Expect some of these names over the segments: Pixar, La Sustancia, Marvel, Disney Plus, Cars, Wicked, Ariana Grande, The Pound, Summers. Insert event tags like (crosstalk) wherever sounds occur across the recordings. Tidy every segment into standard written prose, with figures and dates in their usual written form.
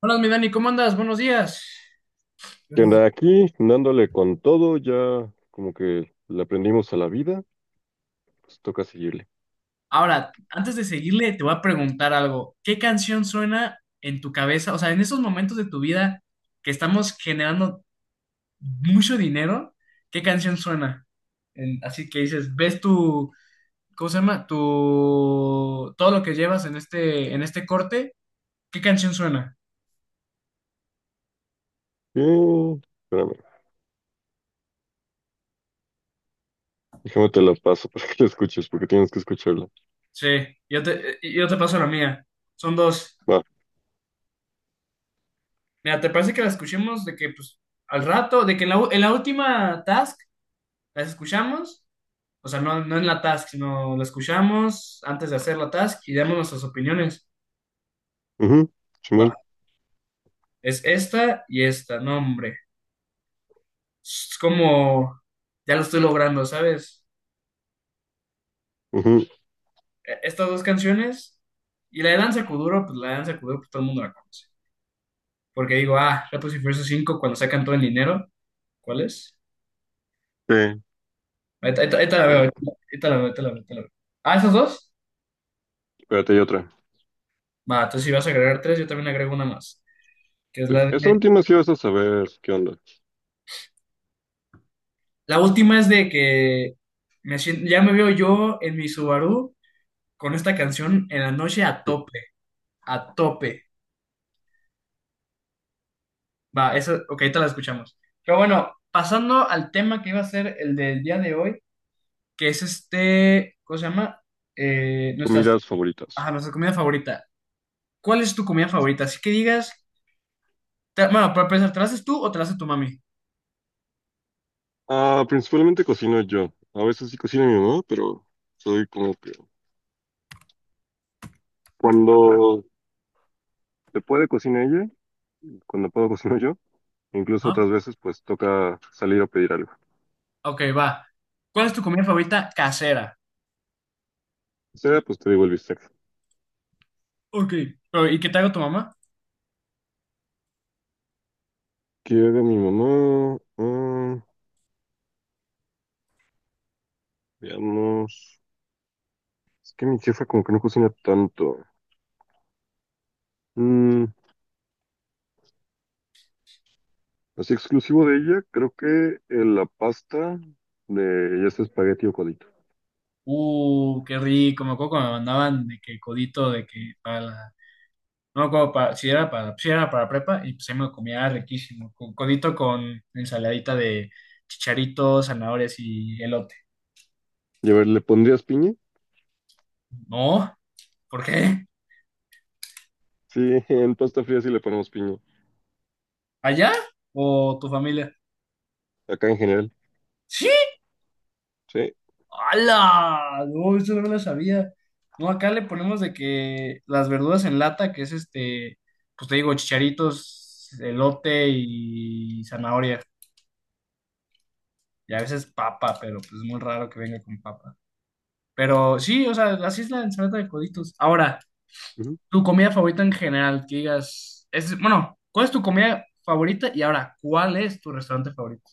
Hola, mi Dani, ¿cómo andas? Buenos días. Que anda aquí, dándole con todo, ya como que le aprendimos a la vida, pues toca seguirle. Ahora, antes de seguirle, te voy a preguntar algo. ¿Qué canción suena en tu cabeza? O sea, en esos momentos de tu vida que estamos generando mucho dinero, ¿qué canción suena? Así que dices, ves tu, ¿cómo se llama? Tu, todo lo que llevas en este corte, ¿qué canción suena? Espérame, déjame te la paso (laughs) para que la escuches, porque tienes que escucharla. Sí, yo te paso la mía. Son dos. Va, Mira, ¿te parece que la escuchemos de que, pues, al rato, de que en la última task las escuchamos, o sea, no, no en la task, sino la escuchamos antes de hacer la task y damos nuestras opiniones. mhm. Va, Simón. es esta y esta, no, hombre. Es como, ya lo estoy logrando, ¿sabes? Ujú. Estas dos canciones y la de Danza Kuduro, pues la de Danza Kuduro, pues todo el mundo la conoce. Porque digo, ah, Rapid Furioso 5 cuando sacan todo el dinero, ¿cuál es? Sí, Ahorita la veo, espera, ahorita la veo, ahorita la veo, ahorita la veo. Ah, ¿esas dos? espérate, hay otra. Va, entonces si vas a agregar tres, yo también agrego una más, que es Sí. la de... Esa última sí vas a saber qué onda. La última es de que ya me veo yo en mi Subaru con esta canción en la noche a Mm. tope, a tope. Va, eso, ok, ahorita la escuchamos. Pero bueno, pasando al tema que iba a ser el del día de hoy, que es este, ¿cómo se llama? Nuestras, Comidas ajá, favoritas. nuestra comida favorita. ¿Cuál es tu comida favorita? Así que digas, bueno, para empezar, ¿te la haces tú o te la hace tu mami? Ah, principalmente cocino yo. A veces sí cocina mi mamá, pero soy como que cuando se puede cocina ella, cuando puedo cocino yo. Incluso Ajá. otras veces pues toca salir a pedir algo. Ok, va. ¿Cuál es tu comida favorita casera? Sea, pues te digo el bistec. Ok, pero ¿y qué te hago tu mamá? Quiero mi mamá. Ah, veamos. Es que mi jefa como que no cocina tanto. Mm, así exclusivo de ella, creo que la pasta de ya sea espagueti o codito. Qué rico. Me acuerdo cuando me mandaban de que codito, de que para la... No me acuerdo para, si era para, prepa, y pues ahí me lo comía riquísimo. Codito con ensaladita de chicharitos, zanahorias y elote. Y a ver, ¿le pondrías piña? No, ¿por qué? Sí, (laughs) en pasta fría sí le ponemos piña. ¿Allá? ¿O tu familia? Acá en general. ¡Sí! Sí. ¡Hala! No, eso no me lo sabía. No, acá le ponemos de que las verduras en lata, que es este, pues te digo, chicharitos, elote y zanahoria, y a veces papa, pero pues es muy raro que venga con papa. Pero sí, o sea, así es la ensalada de coditos. Ahora, Ujú. tu comida favorita en general, que digas, es, bueno, ¿cuál es tu comida favorita? Y ahora, ¿cuál es tu restaurante favorito?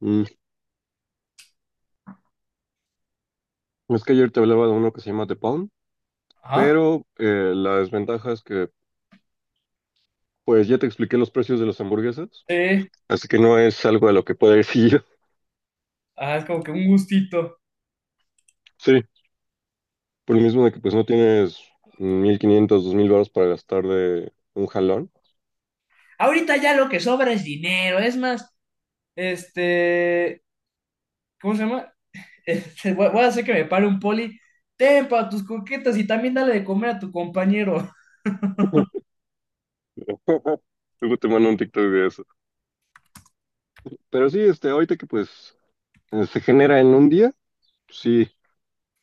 Mm, es que ayer te hablaba de uno que se llama The Pound, Ajá, pero la desventaja es que pues ya te expliqué los precios de las hamburguesas, sí. así que no es algo de lo que pueda decir yo. (laughs) Ah, es como que un gustito. Sí. Por lo mismo de que pues no tienes 1500 2000 baros para gastar de un jalón. Ahorita ya lo que sobra es dinero. Es más, este, ¿cómo se llama? (laughs) Voy a hacer que me pare un poli. Ten para tus coquetas y también dale de comer a tu compañero. (laughs) (laughs) Luego te mando un TikTok de eso. Pero sí, este, ahorita que pues se genera en un día, pues sí,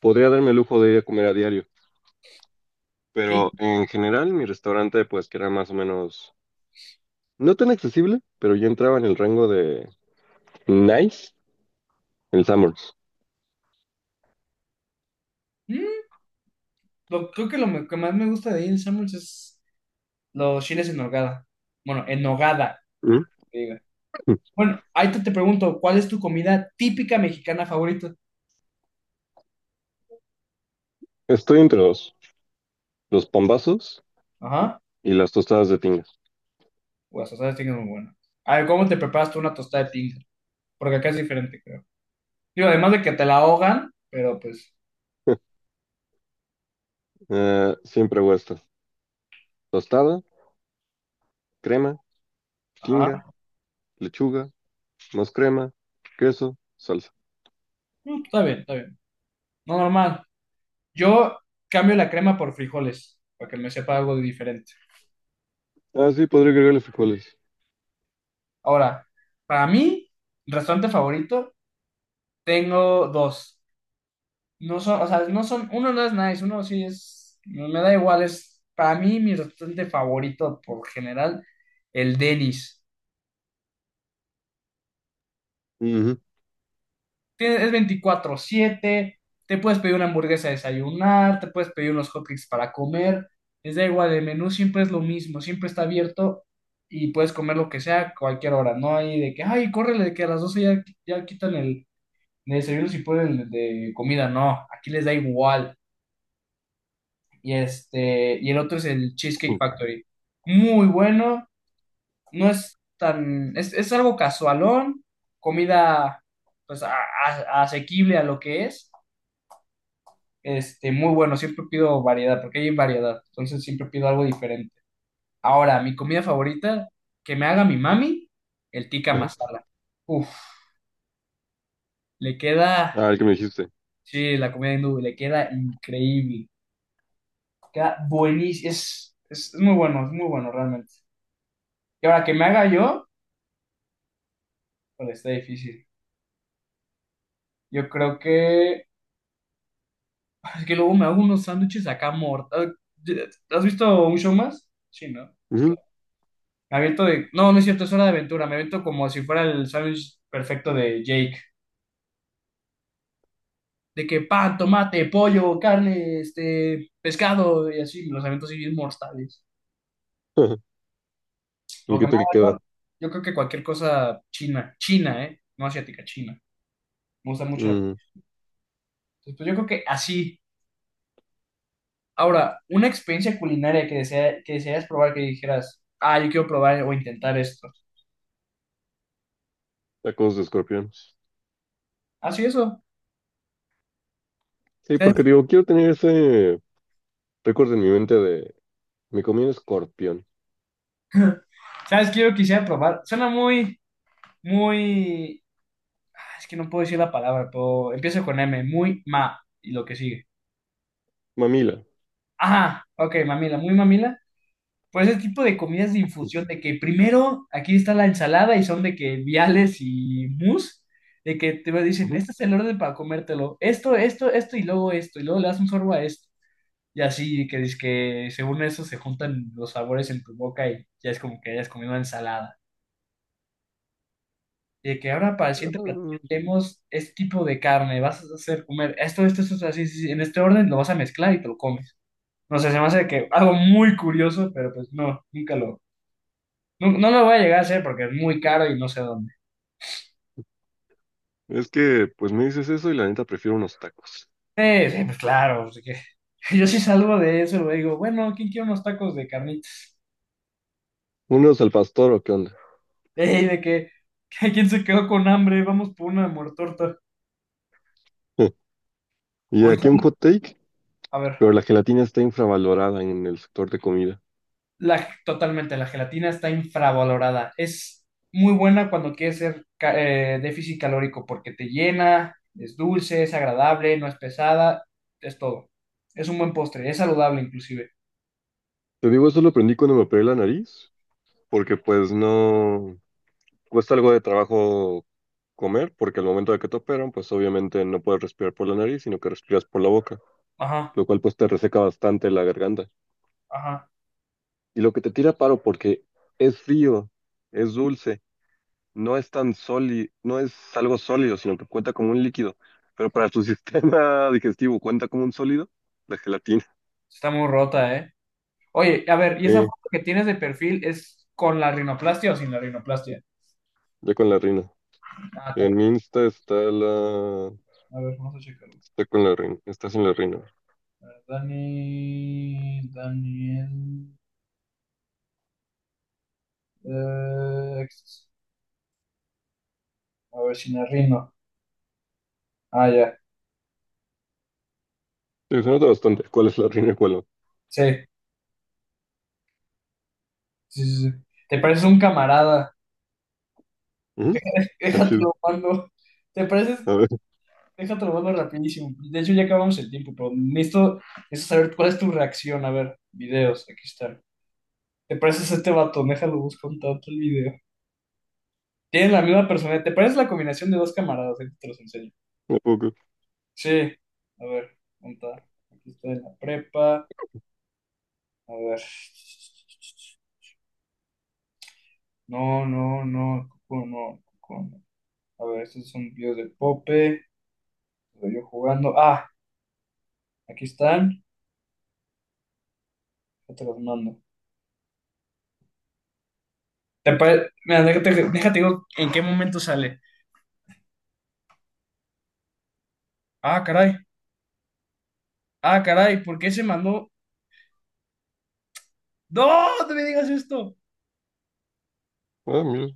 podría darme el lujo de ir a comer a diario. Sí. Pero en general, mi restaurante pues que era más o menos, no tan accesible, pero ya entraba en el rango de nice, el Summers. Mm, creo que que más me gusta de ahí en Samuels es los chiles en nogada. Bueno, en nogada, (laughs) que diga. Bueno, ahí te pregunto, ¿cuál es tu comida típica mexicana favorita? Estoy entre los pambazos Ajá. y las tostadas de tinga. Pues las tostadas de tinga son muy buenas. A ver, ¿cómo te preparas tú una tostada de tinga? Porque acá es diferente, creo. Digo, además de que te la ahogan, pero pues, Siempre hago esto. Tostada, crema, tinga, ajá. lechuga, más crema, queso, salsa. Mm, está bien, está bien. No, normal. Yo cambio la crema por frijoles, para que me sepa algo diferente. Ah, sí, podría agregarle frijoles. Ahora, para mí, restaurante favorito, tengo dos. No son, o sea, no son, uno no es nice, uno sí es, no me da igual, es para mí mi restaurante favorito por general, el Denny's. Ujú. Es 24/7, te puedes pedir una hamburguesa a desayunar, te puedes pedir unos hotcakes para comer, les da igual, el menú siempre es lo mismo, siempre está abierto y puedes comer lo que sea a cualquier hora, no hay de que, ay, córrele, de que a las 12 ya quitan el desayuno si ponen el de comida, no, aquí les da igual. Y el otro es el Cheesecake Factory. Muy bueno, no es tan, es algo casualón, comida pues asequible a lo que es. Muy bueno, siempre pido variedad, porque hay variedad, entonces siempre pido algo diferente. Ahora, mi comida favorita, que me haga mi mami, el tikka Ajá. masala. Uf, le queda, Ah, el que me dijiste. sí, la comida hindú, le queda increíble, queda buenísimo, es muy bueno, es muy bueno realmente. Y ahora que me haga yo... bueno, está difícil. Yo creo que... es que luego me hago unos sándwiches acá mortales. ¿Has visto un show más? Sí, ¿no? Pues Ujú. claro. No, no es cierto, es Hora de Aventura. Me aviento como si fuera el sándwich perfecto de Jake. De que pan, tomate, pollo, carne, pescado y así. Me Los aviento así bien mortales. (laughs) Ajá. El Lo que que te queda. más... yo creo que cualquier cosa china. China, ¿eh? No asiática, china. Me gusta mucho. Mm, Entonces, pues yo creo que así. Ahora, una experiencia culinaria que deseas probar, que dijeras, ah, yo quiero probar o intentar esto. Tacos de escorpión. Así eso. Sí, porque ¿Sabes? digo, quiero tener ese recuerdo en mi mente de mi comida escorpión. ¿Sabes qué yo quisiera probar? Suena muy, muy... ah, es que no puedo decir la palabra, pero empiezo con M, muy ma, y lo que sigue. Mamila. Ajá, ok, mamila, muy mamila. Por ese tipo de comidas de infusión, de que primero aquí está la ensalada y son de que viales y mousse, de que te dicen, Ujú. este es el orden para comértelo, esto, esto, y luego le das un sorbo a esto. Y así que dice que según eso se juntan los sabores en tu boca y ya es como que hayas comido ensalada. Y de que ahora para el siguiente platillo Ah, tenemos este tipo de carne, vas a hacer comer esto, esto, esto, esto, así, sí, sí, en este orden lo vas a mezclar y te lo comes. No sé, se me hace que algo muy curioso, pero pues no, nunca lo, no, no lo voy a llegar a hacer porque es muy caro y no sé dónde. es que, pues me dices eso y la neta prefiero unos tacos. Sí, sí, pues claro, así que (laughs) yo sí salgo de eso, le digo, bueno, ¿quién quiere unos tacos de carnitas? ¿Unos al pastor o qué onda? (laughs) Ey, de que, (laughs) ¿quién se quedó con hambre? Vamos por una muertorta. (laughs) ¿Y aquí un Oye, hot take? a ver, Pero la gelatina está infravalorada en el sector de comida. la, totalmente, la gelatina está infravalorada. Es muy buena cuando quieres ser déficit calórico porque te llena, es dulce, es agradable, no es pesada, es todo. Es un buen postre, es saludable inclusive. Te digo, eso lo aprendí cuando me operé la nariz, porque pues no cuesta algo de trabajo comer, porque al momento de que te operan, pues obviamente no puedes respirar por la nariz, sino que respiras por la boca, Ajá, lo cual pues te reseca bastante la garganta. ajá. Y lo que te tira paro porque es frío, es dulce, no es tan sólido, no es algo sólido, sino que cuenta como un líquido, pero para tu (laughs) sistema digestivo cuenta como un sólido, la gelatina. Está muy rota, ¿eh? Oye, a ver, ¿y esa Sí, foto que tienes de perfil es con la rinoplastia o sin la rinoplastia? ya con la rina. Ah, está En bien. mi Insta está la... A ver, vamos a checarlo. Está con la reina. Estás en la reina. A ver, Dani, Daniel, eh, a ver, sin la rino. Ah, ya. Sí, se nota bastante. ¿Cuál es la reina y cuál no? Sí, sí, sí, sí. Te pareces un camarada. Ujú. (laughs) Ah, chido. Déjatelo, mando. Te pareces, A ver, déjatelo, mando rapidísimo. De hecho, ya acabamos el tiempo, pero necesito saber cuál es tu reacción. A ver, videos, aquí está. Te pareces a este vato, déjalo busco un tanto el video. Tienes la misma personalidad. Te pareces la combinación de dos camaradas, ahorita te los enseño. (laughs) un poco. Sí, a ver, monta. Aquí está en la prepa. A ver. No, no, no, Cuco, no, Cuco, no. A ver, estos son videos de Pope. Estoy yo jugando. Ah, aquí están. Ya te los mando. Mira, déjate digo en qué momento sale. Ah, caray. Ah, caray. ¿Por qué se mandó? ¡No! ¡No me digas esto! Ah, mira.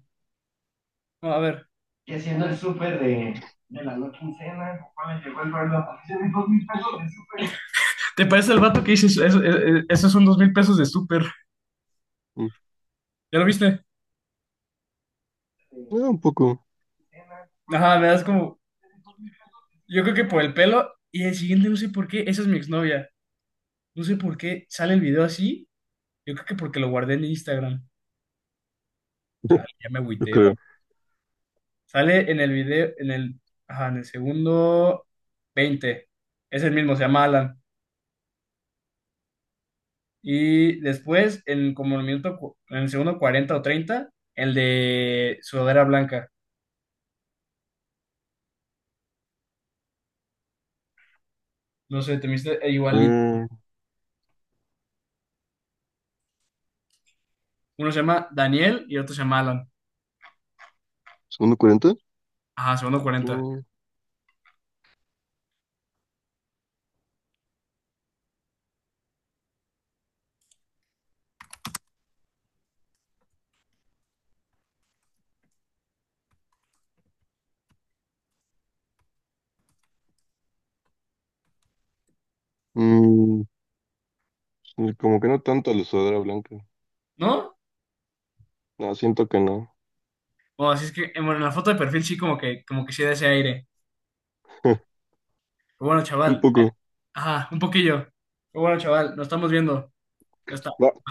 No, a ver. Y haciendo el súper de la no quincena, papá me llegó el reloj. Hice mis 2,000 pesos de súper. ¿Te parece el vato que dices? Eso, esos son 2,000 pesos de súper. Mm, ¿Ya lo viste? De ah, un poco. quincena. Ajá, me das como... yo creo que por el pelo. Y el siguiente, no sé por qué. Esa es mi exnovia. No sé por qué sale el video así. Yo creo que porque lo guardé en Instagram. (laughs) Chale, ya me Yo agüité, va. creo. Sale en el video, en el, ajá, en el segundo 20. Es el mismo, se llama Alan. Y después, en como el minuto, cu- en el segundo 40 o 30 el de sudadera blanca. No sé, te me hiciste igualito. Mm, Uno se llama Daniel y otro se llama Alan. ¿Segundo 40? Ajá, segundo Ok. 40. Mm, sí, como que no tanto la sudadera blanca. ¿No? No, siento que no. Bueno, así es que, bueno, en la foto de perfil sí como que sí da ese aire. (laughs) Pero bueno, Un chaval. Poco. Ajá, un poquillo. Pero bueno, chaval, nos estamos viendo. Ya está. Va.